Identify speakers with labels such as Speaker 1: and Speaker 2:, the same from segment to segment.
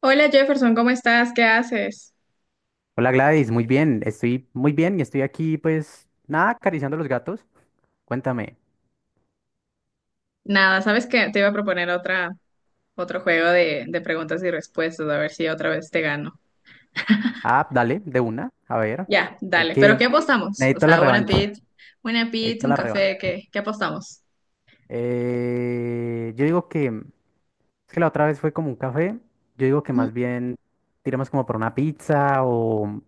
Speaker 1: Hola Jefferson, ¿cómo estás? ¿Qué haces?
Speaker 2: Hola Gladys, muy bien, estoy muy bien y estoy aquí pues nada, acariciando los gatos. Cuéntame.
Speaker 1: Nada, ¿sabes qué? Te iba a proponer otro juego de preguntas y respuestas, a ver si otra vez te gano.
Speaker 2: Ah, dale, de una, a ver.
Speaker 1: Ya,
Speaker 2: Hay
Speaker 1: dale. ¿Pero
Speaker 2: que...
Speaker 1: qué apostamos? O
Speaker 2: Necesito la
Speaker 1: sea, una
Speaker 2: revancha,
Speaker 1: pizza, una pizza,
Speaker 2: necesito
Speaker 1: un
Speaker 2: la
Speaker 1: café,
Speaker 2: revancha.
Speaker 1: ¿qué apostamos?
Speaker 2: Yo digo que... Es que la otra vez fue como un café, yo digo que más bien tiramos como por una pizza o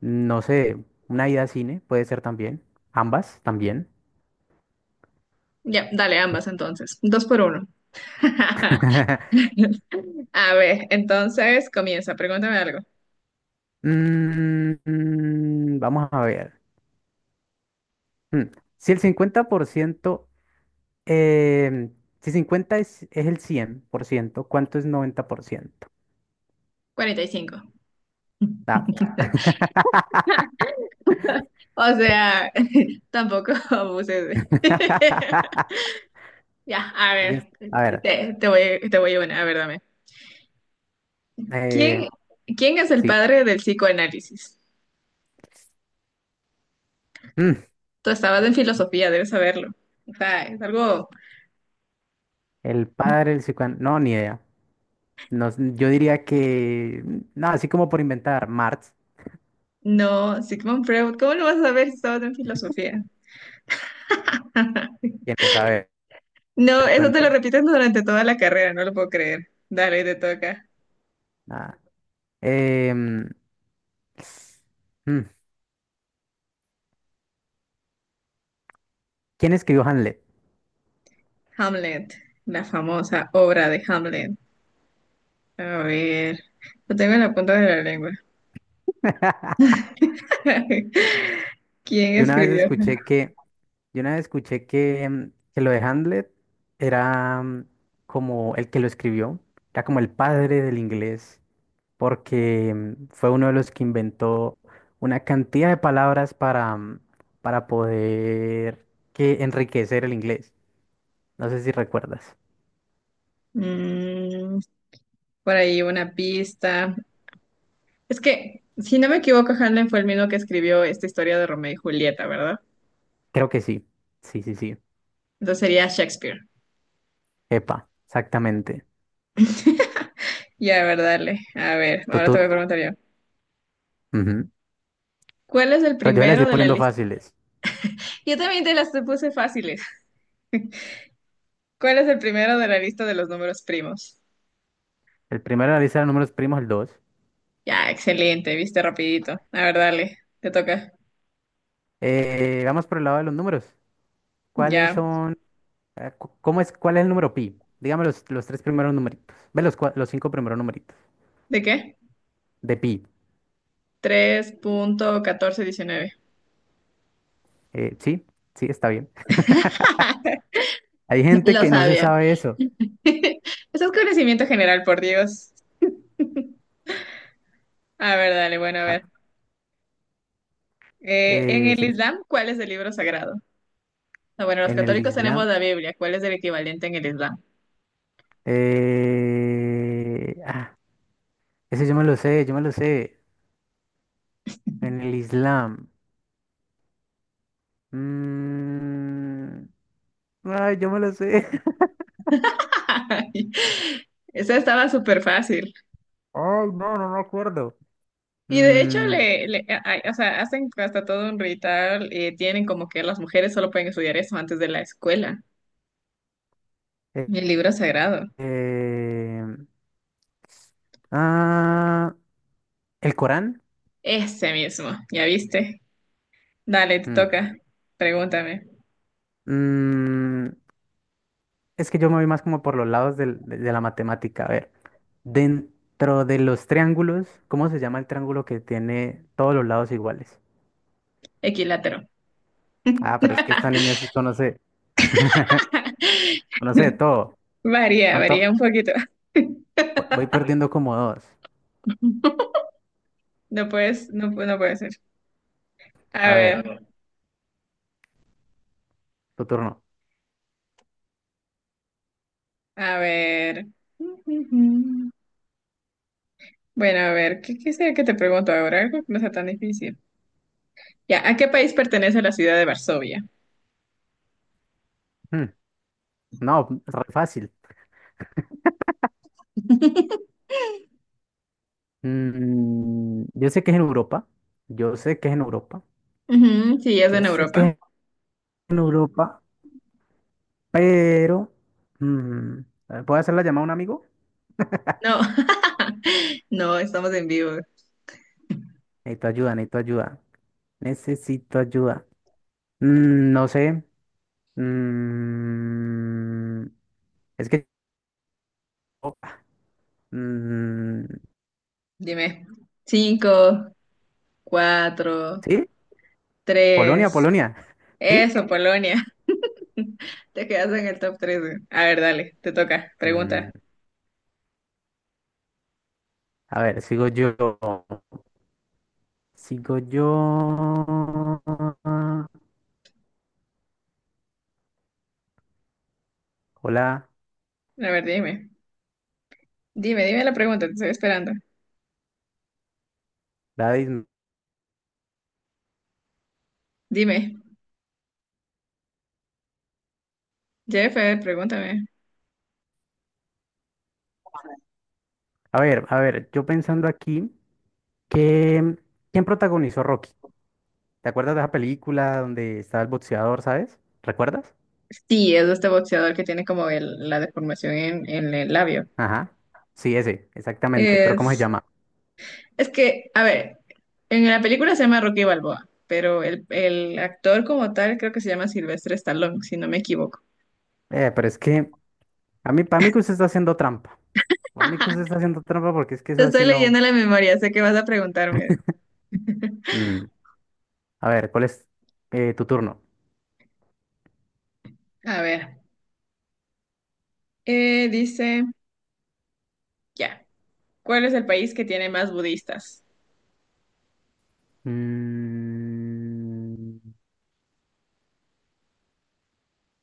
Speaker 2: no sé, una ida a cine, puede ser también. Ambas también.
Speaker 1: Ya, dale, ambas entonces. Dos por uno. A ver, entonces comienza, pregúntame algo.
Speaker 2: Vamos a ver. Mm, Si el 50% Eh, si 50 es el 100%, ¿cuánto es 90%?
Speaker 1: 45.
Speaker 2: Ah.
Speaker 1: O sea, tampoco abuses. Ya, a
Speaker 2: Sigues.
Speaker 1: ver,
Speaker 2: A ver,
Speaker 1: te voy una, a ver, dame.
Speaker 2: eh,
Speaker 1: ¿Quién, quién es el
Speaker 2: sí.
Speaker 1: padre del psicoanálisis?
Speaker 2: Mm,
Speaker 1: Tú estabas en filosofía, debes saberlo. O sea, es algo...
Speaker 2: el padre del psicoanálisis. No, ni idea. No, yo diría que. No, así como por inventar. Marx.
Speaker 1: No, Sigmund Freud, ¿cómo lo vas a saber si estabas en filosofía?
Speaker 2: ¿Quién es? A ver,
Speaker 1: No, eso te lo
Speaker 2: cuente.
Speaker 1: repites durante toda la carrera, no lo puedo creer. Dale, te toca.
Speaker 2: Nada. Em, mm, ¿Quién escribió Hamlet?
Speaker 1: Hamlet, la famosa obra de Hamlet. A ver, lo tengo en la punta de la lengua. ¿Quién
Speaker 2: Yo una vez
Speaker 1: escribió?
Speaker 2: escuché que yo una vez escuché que, que lo de Hamlet era como el que lo escribió, era como el padre del inglés, porque fue uno de los que inventó una cantidad de palabras para, para poder que enriquecer el inglés. No sé si recuerdas.
Speaker 1: Mm, por ahí una pista. Es que, si no me equivoco, Hanlon fue el mismo que escribió esta historia de Romeo y Julieta, ¿verdad?
Speaker 2: Creo que sí. Sí, sí, sí.
Speaker 1: Entonces sería Shakespeare.
Speaker 2: Epa, exactamente.
Speaker 1: Ya, a ver, dale. A ver, ahora te
Speaker 2: Tutur,
Speaker 1: voy a preguntar yo.
Speaker 2: ujú.
Speaker 1: ¿Cuál es el
Speaker 2: Pero yo le
Speaker 1: primero
Speaker 2: estoy
Speaker 1: de la
Speaker 2: poniendo
Speaker 1: lista?
Speaker 2: fáciles.
Speaker 1: Yo también te las puse fáciles. ¿Cuál es el primero de la lista de los números primos?
Speaker 2: El primero de la lista de números primos, el 2.
Speaker 1: Ya, excelente, viste rapidito. A ver, dale, te toca.
Speaker 2: Vamos por el lado de los números. ¿Cuáles
Speaker 1: Ya.
Speaker 2: son? ¿Cómo es? ¿Cuál es el número pi? Dígame los tres primeros numeritos. Ve los cinco primeros numeritos
Speaker 1: ¿De qué?
Speaker 2: de pi.
Speaker 1: 3.1419.
Speaker 2: Sí, sí, está bien. Hay gente
Speaker 1: Lo
Speaker 2: que no se
Speaker 1: sabía.
Speaker 2: sabe eso.
Speaker 1: Eso es conocimiento general, por Dios. A ver, dale, bueno, a
Speaker 2: Ah,
Speaker 1: ver. En el
Speaker 2: sí,
Speaker 1: Islam, ¿cuál es el libro sagrado? Ah, bueno, los
Speaker 2: en el
Speaker 1: católicos tenemos
Speaker 2: Islam.
Speaker 1: la Biblia. ¿Cuál es el equivalente en el Islam?
Speaker 2: eh, ah, Ese yo me lo sé, yo me lo sé. En el Islam. mm, Ay, yo me lo sé.
Speaker 1: Esa estaba súper fácil.
Speaker 2: Ay, no, no me acuerdo.
Speaker 1: Y de hecho,
Speaker 2: Mm,
Speaker 1: o sea, hacen hasta todo un ritual y tienen como que las mujeres solo pueden estudiar eso antes de la escuela.
Speaker 2: eh,
Speaker 1: El libro sagrado.
Speaker 2: eh, ah, ¿El Corán?
Speaker 1: Ese mismo, ¿ya viste? Dale, te
Speaker 2: Mm.
Speaker 1: toca. Pregúntame.
Speaker 2: Mm, es que yo me voy más como por los lados de la matemática. A ver, dentro de los triángulos, ¿cómo se llama el triángulo que tiene todos los lados iguales?
Speaker 1: Equilátero.
Speaker 2: Ah, pero es que esta niña sí conoce, conoce de todo.
Speaker 1: Varía, varía
Speaker 2: ¿Cuánto?
Speaker 1: un poquito.
Speaker 2: Voy perdiendo como dos.
Speaker 1: No puedes, no puede ser. A
Speaker 2: A ver,
Speaker 1: ver.
Speaker 2: tu turno.
Speaker 1: A ver. Bueno, a ver, ¿qué quisiera que te pregunto ahora? Algo que no sea tan difícil. Ya, ¿a qué país pertenece la ciudad de Varsovia?
Speaker 2: Mm, no, re fácil. Mm, yo sé que es en Europa. Yo sé que es en Europa.
Speaker 1: Ujú, sí, es
Speaker 2: Yo
Speaker 1: en
Speaker 2: sé que
Speaker 1: Europa.
Speaker 2: es en Europa, pero... mm, ¿Puedo hacer la llamada a un amigo?
Speaker 1: No, no, estamos en vivo.
Speaker 2: Necesito ayuda, necesito ayuda. Necesito ayuda. Mm, no sé. Mm, es que... Mm,
Speaker 1: Dime. Cinco, cuatro,
Speaker 2: ¿sí? Polonia,
Speaker 1: tres.
Speaker 2: Polonia. ¿Sí?
Speaker 1: Eso, Polonia. Te quedas en el top tres. A ver, dale, te toca.
Speaker 2: Mm,
Speaker 1: Pregunta.
Speaker 2: a ver, sigo yo. Sigo yo. Hola,
Speaker 1: A ver, dime. Dime, dime la pregunta, te estoy esperando.
Speaker 2: Gladys.
Speaker 1: Dime. Jeff, a ver, pregúntame.
Speaker 2: A ver, yo pensando aquí que... ¿Quién protagonizó Rocky? ¿Te acuerdas de esa película donde estaba el boxeador, sabes? ¿Recuerdas?
Speaker 1: Sí, es de este boxeador que tiene como el- la deformación en el labio.
Speaker 2: Ajá. Sí, ese, exactamente. Pero ¿cómo se
Speaker 1: Es,
Speaker 2: llama?
Speaker 1: es que, a ver, en la película se llama Rocky Balboa, pero el actor como tal creo que se llama Silvestre Stallone, si no me equivoco.
Speaker 2: Pero es que a mí, para mí que usted está haciendo trampa. Para mí que usted está haciendo trampa porque es que
Speaker 1: Te
Speaker 2: eso
Speaker 1: estoy
Speaker 2: así no.
Speaker 1: leyendo la memoria, sé que vas a preguntarme.
Speaker 2: Mm, A ver, ¿cuál es tu turno?
Speaker 1: A ver, dice, ya, ¿cuál es el país que tiene más budistas?
Speaker 2: Mm,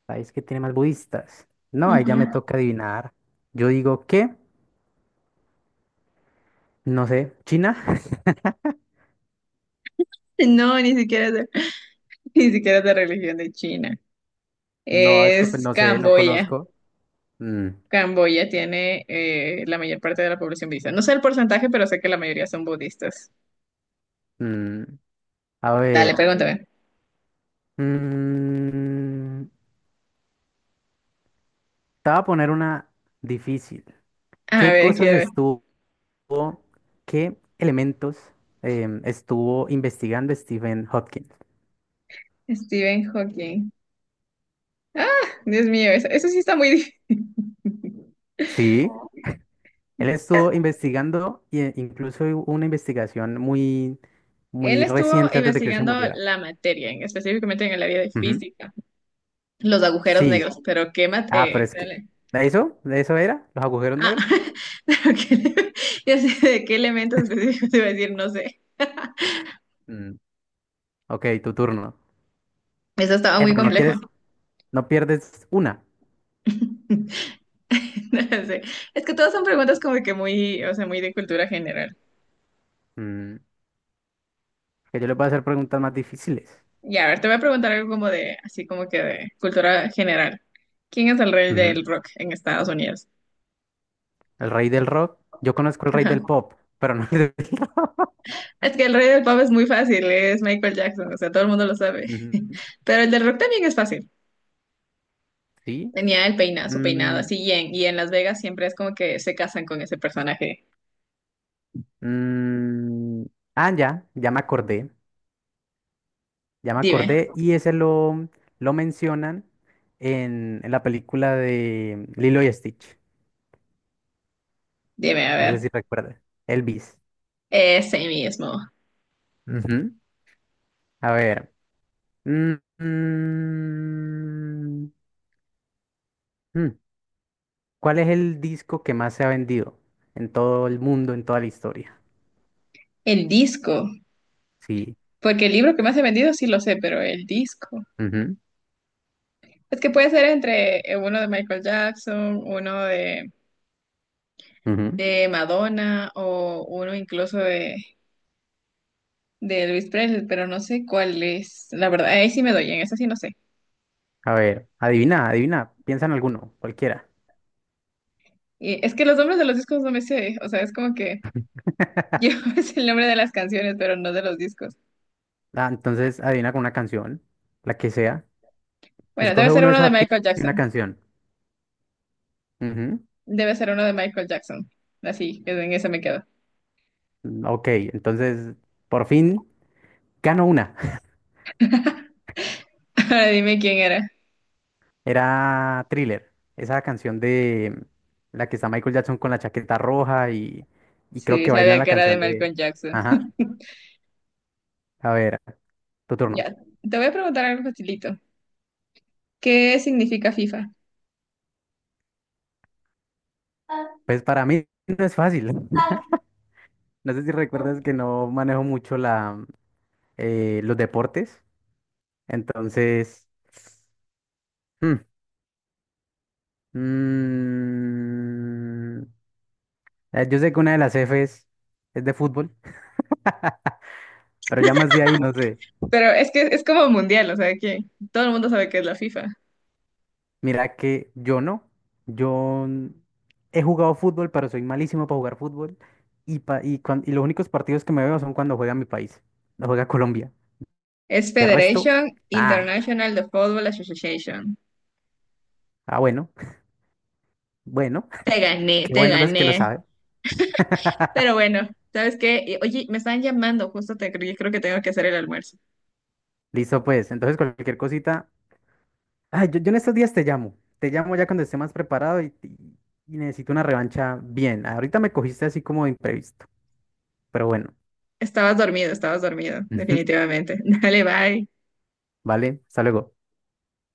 Speaker 2: país que tiene más budistas. No, ahí ya
Speaker 1: Ujú.
Speaker 2: me toca adivinar. Yo digo que, no sé, China.
Speaker 1: No, ni siquiera es de, ni siquiera es de religión de China.
Speaker 2: No, es que pues,
Speaker 1: Es
Speaker 2: no sé, no
Speaker 1: Camboya.
Speaker 2: conozco. Mm,
Speaker 1: Camboya tiene la mayor parte de la población budista. No sé el porcentaje, pero sé que la mayoría son budistas.
Speaker 2: mm, A
Speaker 1: Dale,
Speaker 2: ver.
Speaker 1: pregúntame.
Speaker 2: mm, Te voy a poner una difícil.
Speaker 1: A
Speaker 2: ¿Qué
Speaker 1: ver,
Speaker 2: cosas
Speaker 1: quiero ver.
Speaker 2: estuvo? Qué elementos estuvo investigando Stephen Hopkins.
Speaker 1: Stephen Hawking. Ah, Dios mío, eso sí está muy difícil.
Speaker 2: Sí, él estuvo investigando e incluso hubo una investigación muy,
Speaker 1: Él
Speaker 2: muy
Speaker 1: estuvo
Speaker 2: reciente antes de que él se
Speaker 1: investigando
Speaker 2: muriera.
Speaker 1: la materia, específicamente en el área de
Speaker 2: Ujú.
Speaker 1: física, los agujeros
Speaker 2: Sí,
Speaker 1: negros, pero qué
Speaker 2: ah, pero
Speaker 1: materia.
Speaker 2: es que
Speaker 1: Dale.
Speaker 2: ¿de eso? ¿De eso era? ¿Los agujeros
Speaker 1: Ah,
Speaker 2: negros?
Speaker 1: pero qué, ya sé de qué elementos específicos te iba a decir, no sé.
Speaker 2: Mm, ok, tu turno.
Speaker 1: Esa estaba muy
Speaker 2: Pero no
Speaker 1: compleja.
Speaker 2: quieres, no pierdes una.
Speaker 1: No sé. Es que todas son preguntas como que muy, o sea, muy de cultura general.
Speaker 2: Mm, que yo le voy a hacer preguntas más difíciles.
Speaker 1: Ya, a ver, te voy a preguntar algo como de, así como que de cultura general. ¿Quién es el rey
Speaker 2: Ujú.
Speaker 1: del rock en Estados Unidos?
Speaker 2: El rey del rock. Yo conozco el rey
Speaker 1: Ajá.
Speaker 2: del pop, pero no el del rock.
Speaker 1: Es que el rey del pop es muy fácil, es Michael Jackson, o sea, todo el mundo lo sabe.
Speaker 2: Ujú.
Speaker 1: Pero el del rock también es fácil.
Speaker 2: Sí,
Speaker 1: Tenía el peinado, su peinado
Speaker 2: Mm,
Speaker 1: así, y en Las Vegas siempre es como que se casan con ese personaje.
Speaker 2: mm, ah, ya, ya me
Speaker 1: Dime,
Speaker 2: acordé y ese lo mencionan en la película de Lilo y Stitch,
Speaker 1: dime, a
Speaker 2: no sé
Speaker 1: ver.
Speaker 2: si recuerdas, Elvis.
Speaker 1: Ese mismo.
Speaker 2: Ujú. A ver, mm, mm, mm, ¿cuál es el disco que más se ha vendido en todo el mundo, en toda la historia?
Speaker 1: El disco,
Speaker 2: Sí,
Speaker 1: porque el libro que más he vendido sí lo sé, pero el disco.
Speaker 2: ujú,
Speaker 1: Es que puede ser entre uno de Michael Jackson, uno de
Speaker 2: ujú.
Speaker 1: de Madonna o uno incluso de Elvis Presley, pero no sé cuál es. La verdad, ahí sí me doy, en esa sí no sé.
Speaker 2: A ver, adivina, adivina, piensa en alguno, cualquiera.
Speaker 1: Y es que los nombres de los discos no me sé, o sea, es como que yo es el nombre de las canciones, pero no de los discos.
Speaker 2: Ah, entonces adivina con una canción, la que sea.
Speaker 1: Bueno, debe
Speaker 2: Escoge
Speaker 1: ser
Speaker 2: uno de
Speaker 1: uno
Speaker 2: esos
Speaker 1: de
Speaker 2: artistas
Speaker 1: Michael
Speaker 2: y una
Speaker 1: Jackson.
Speaker 2: canción. Ujú.
Speaker 1: Debe ser uno de Michael Jackson. Así, en esa me quedo.
Speaker 2: Mm, ok, entonces por fin gano una.
Speaker 1: Ahora dime quién era.
Speaker 2: Era Thriller, esa canción de la que está Michael Jackson con la chaqueta roja y creo
Speaker 1: Sí,
Speaker 2: que bailan
Speaker 1: sabía
Speaker 2: la
Speaker 1: que era de
Speaker 2: canción de...
Speaker 1: Michael Jackson.
Speaker 2: Ajá, a ver, tu turno.
Speaker 1: Ya, te voy a preguntar algo facilito. ¿Qué significa FIFA?
Speaker 2: Pues para mí no es fácil. No sé si recuerdas que no manejo mucho la, los deportes. Entonces... mm, Mm, eh, yo sé que una de las F es de fútbol, pero ya más de ahí no sé.
Speaker 1: Pero es que es como mundial, o sea, que todo el mundo sabe que es la FIFA.
Speaker 2: Mira que yo no. Yo n- He jugado fútbol, pero soy malísimo para jugar fútbol. Y los únicos partidos que me veo son cuando juega mi país, no juega Colombia.
Speaker 1: Es
Speaker 2: De resto,
Speaker 1: Federation
Speaker 2: ah,
Speaker 1: International de Football Association.
Speaker 2: bueno, bueno,
Speaker 1: Te gané,
Speaker 2: qué
Speaker 1: te
Speaker 2: bueno los que lo
Speaker 1: gané.
Speaker 2: saben.
Speaker 1: Pero bueno, ¿sabes qué? Y, oye, me están llamando, justo te creo que tengo que hacer el almuerzo.
Speaker 2: Listo, pues. Entonces, cualquier cosita. Ay, yo en estos días te llamo. Te llamo ya cuando esté más preparado y necesito una revancha bien. Ahorita me cogiste así como de imprevisto, pero bueno.
Speaker 1: Estabas dormido, definitivamente. Dale, bye.
Speaker 2: ¿Vale? Hasta luego.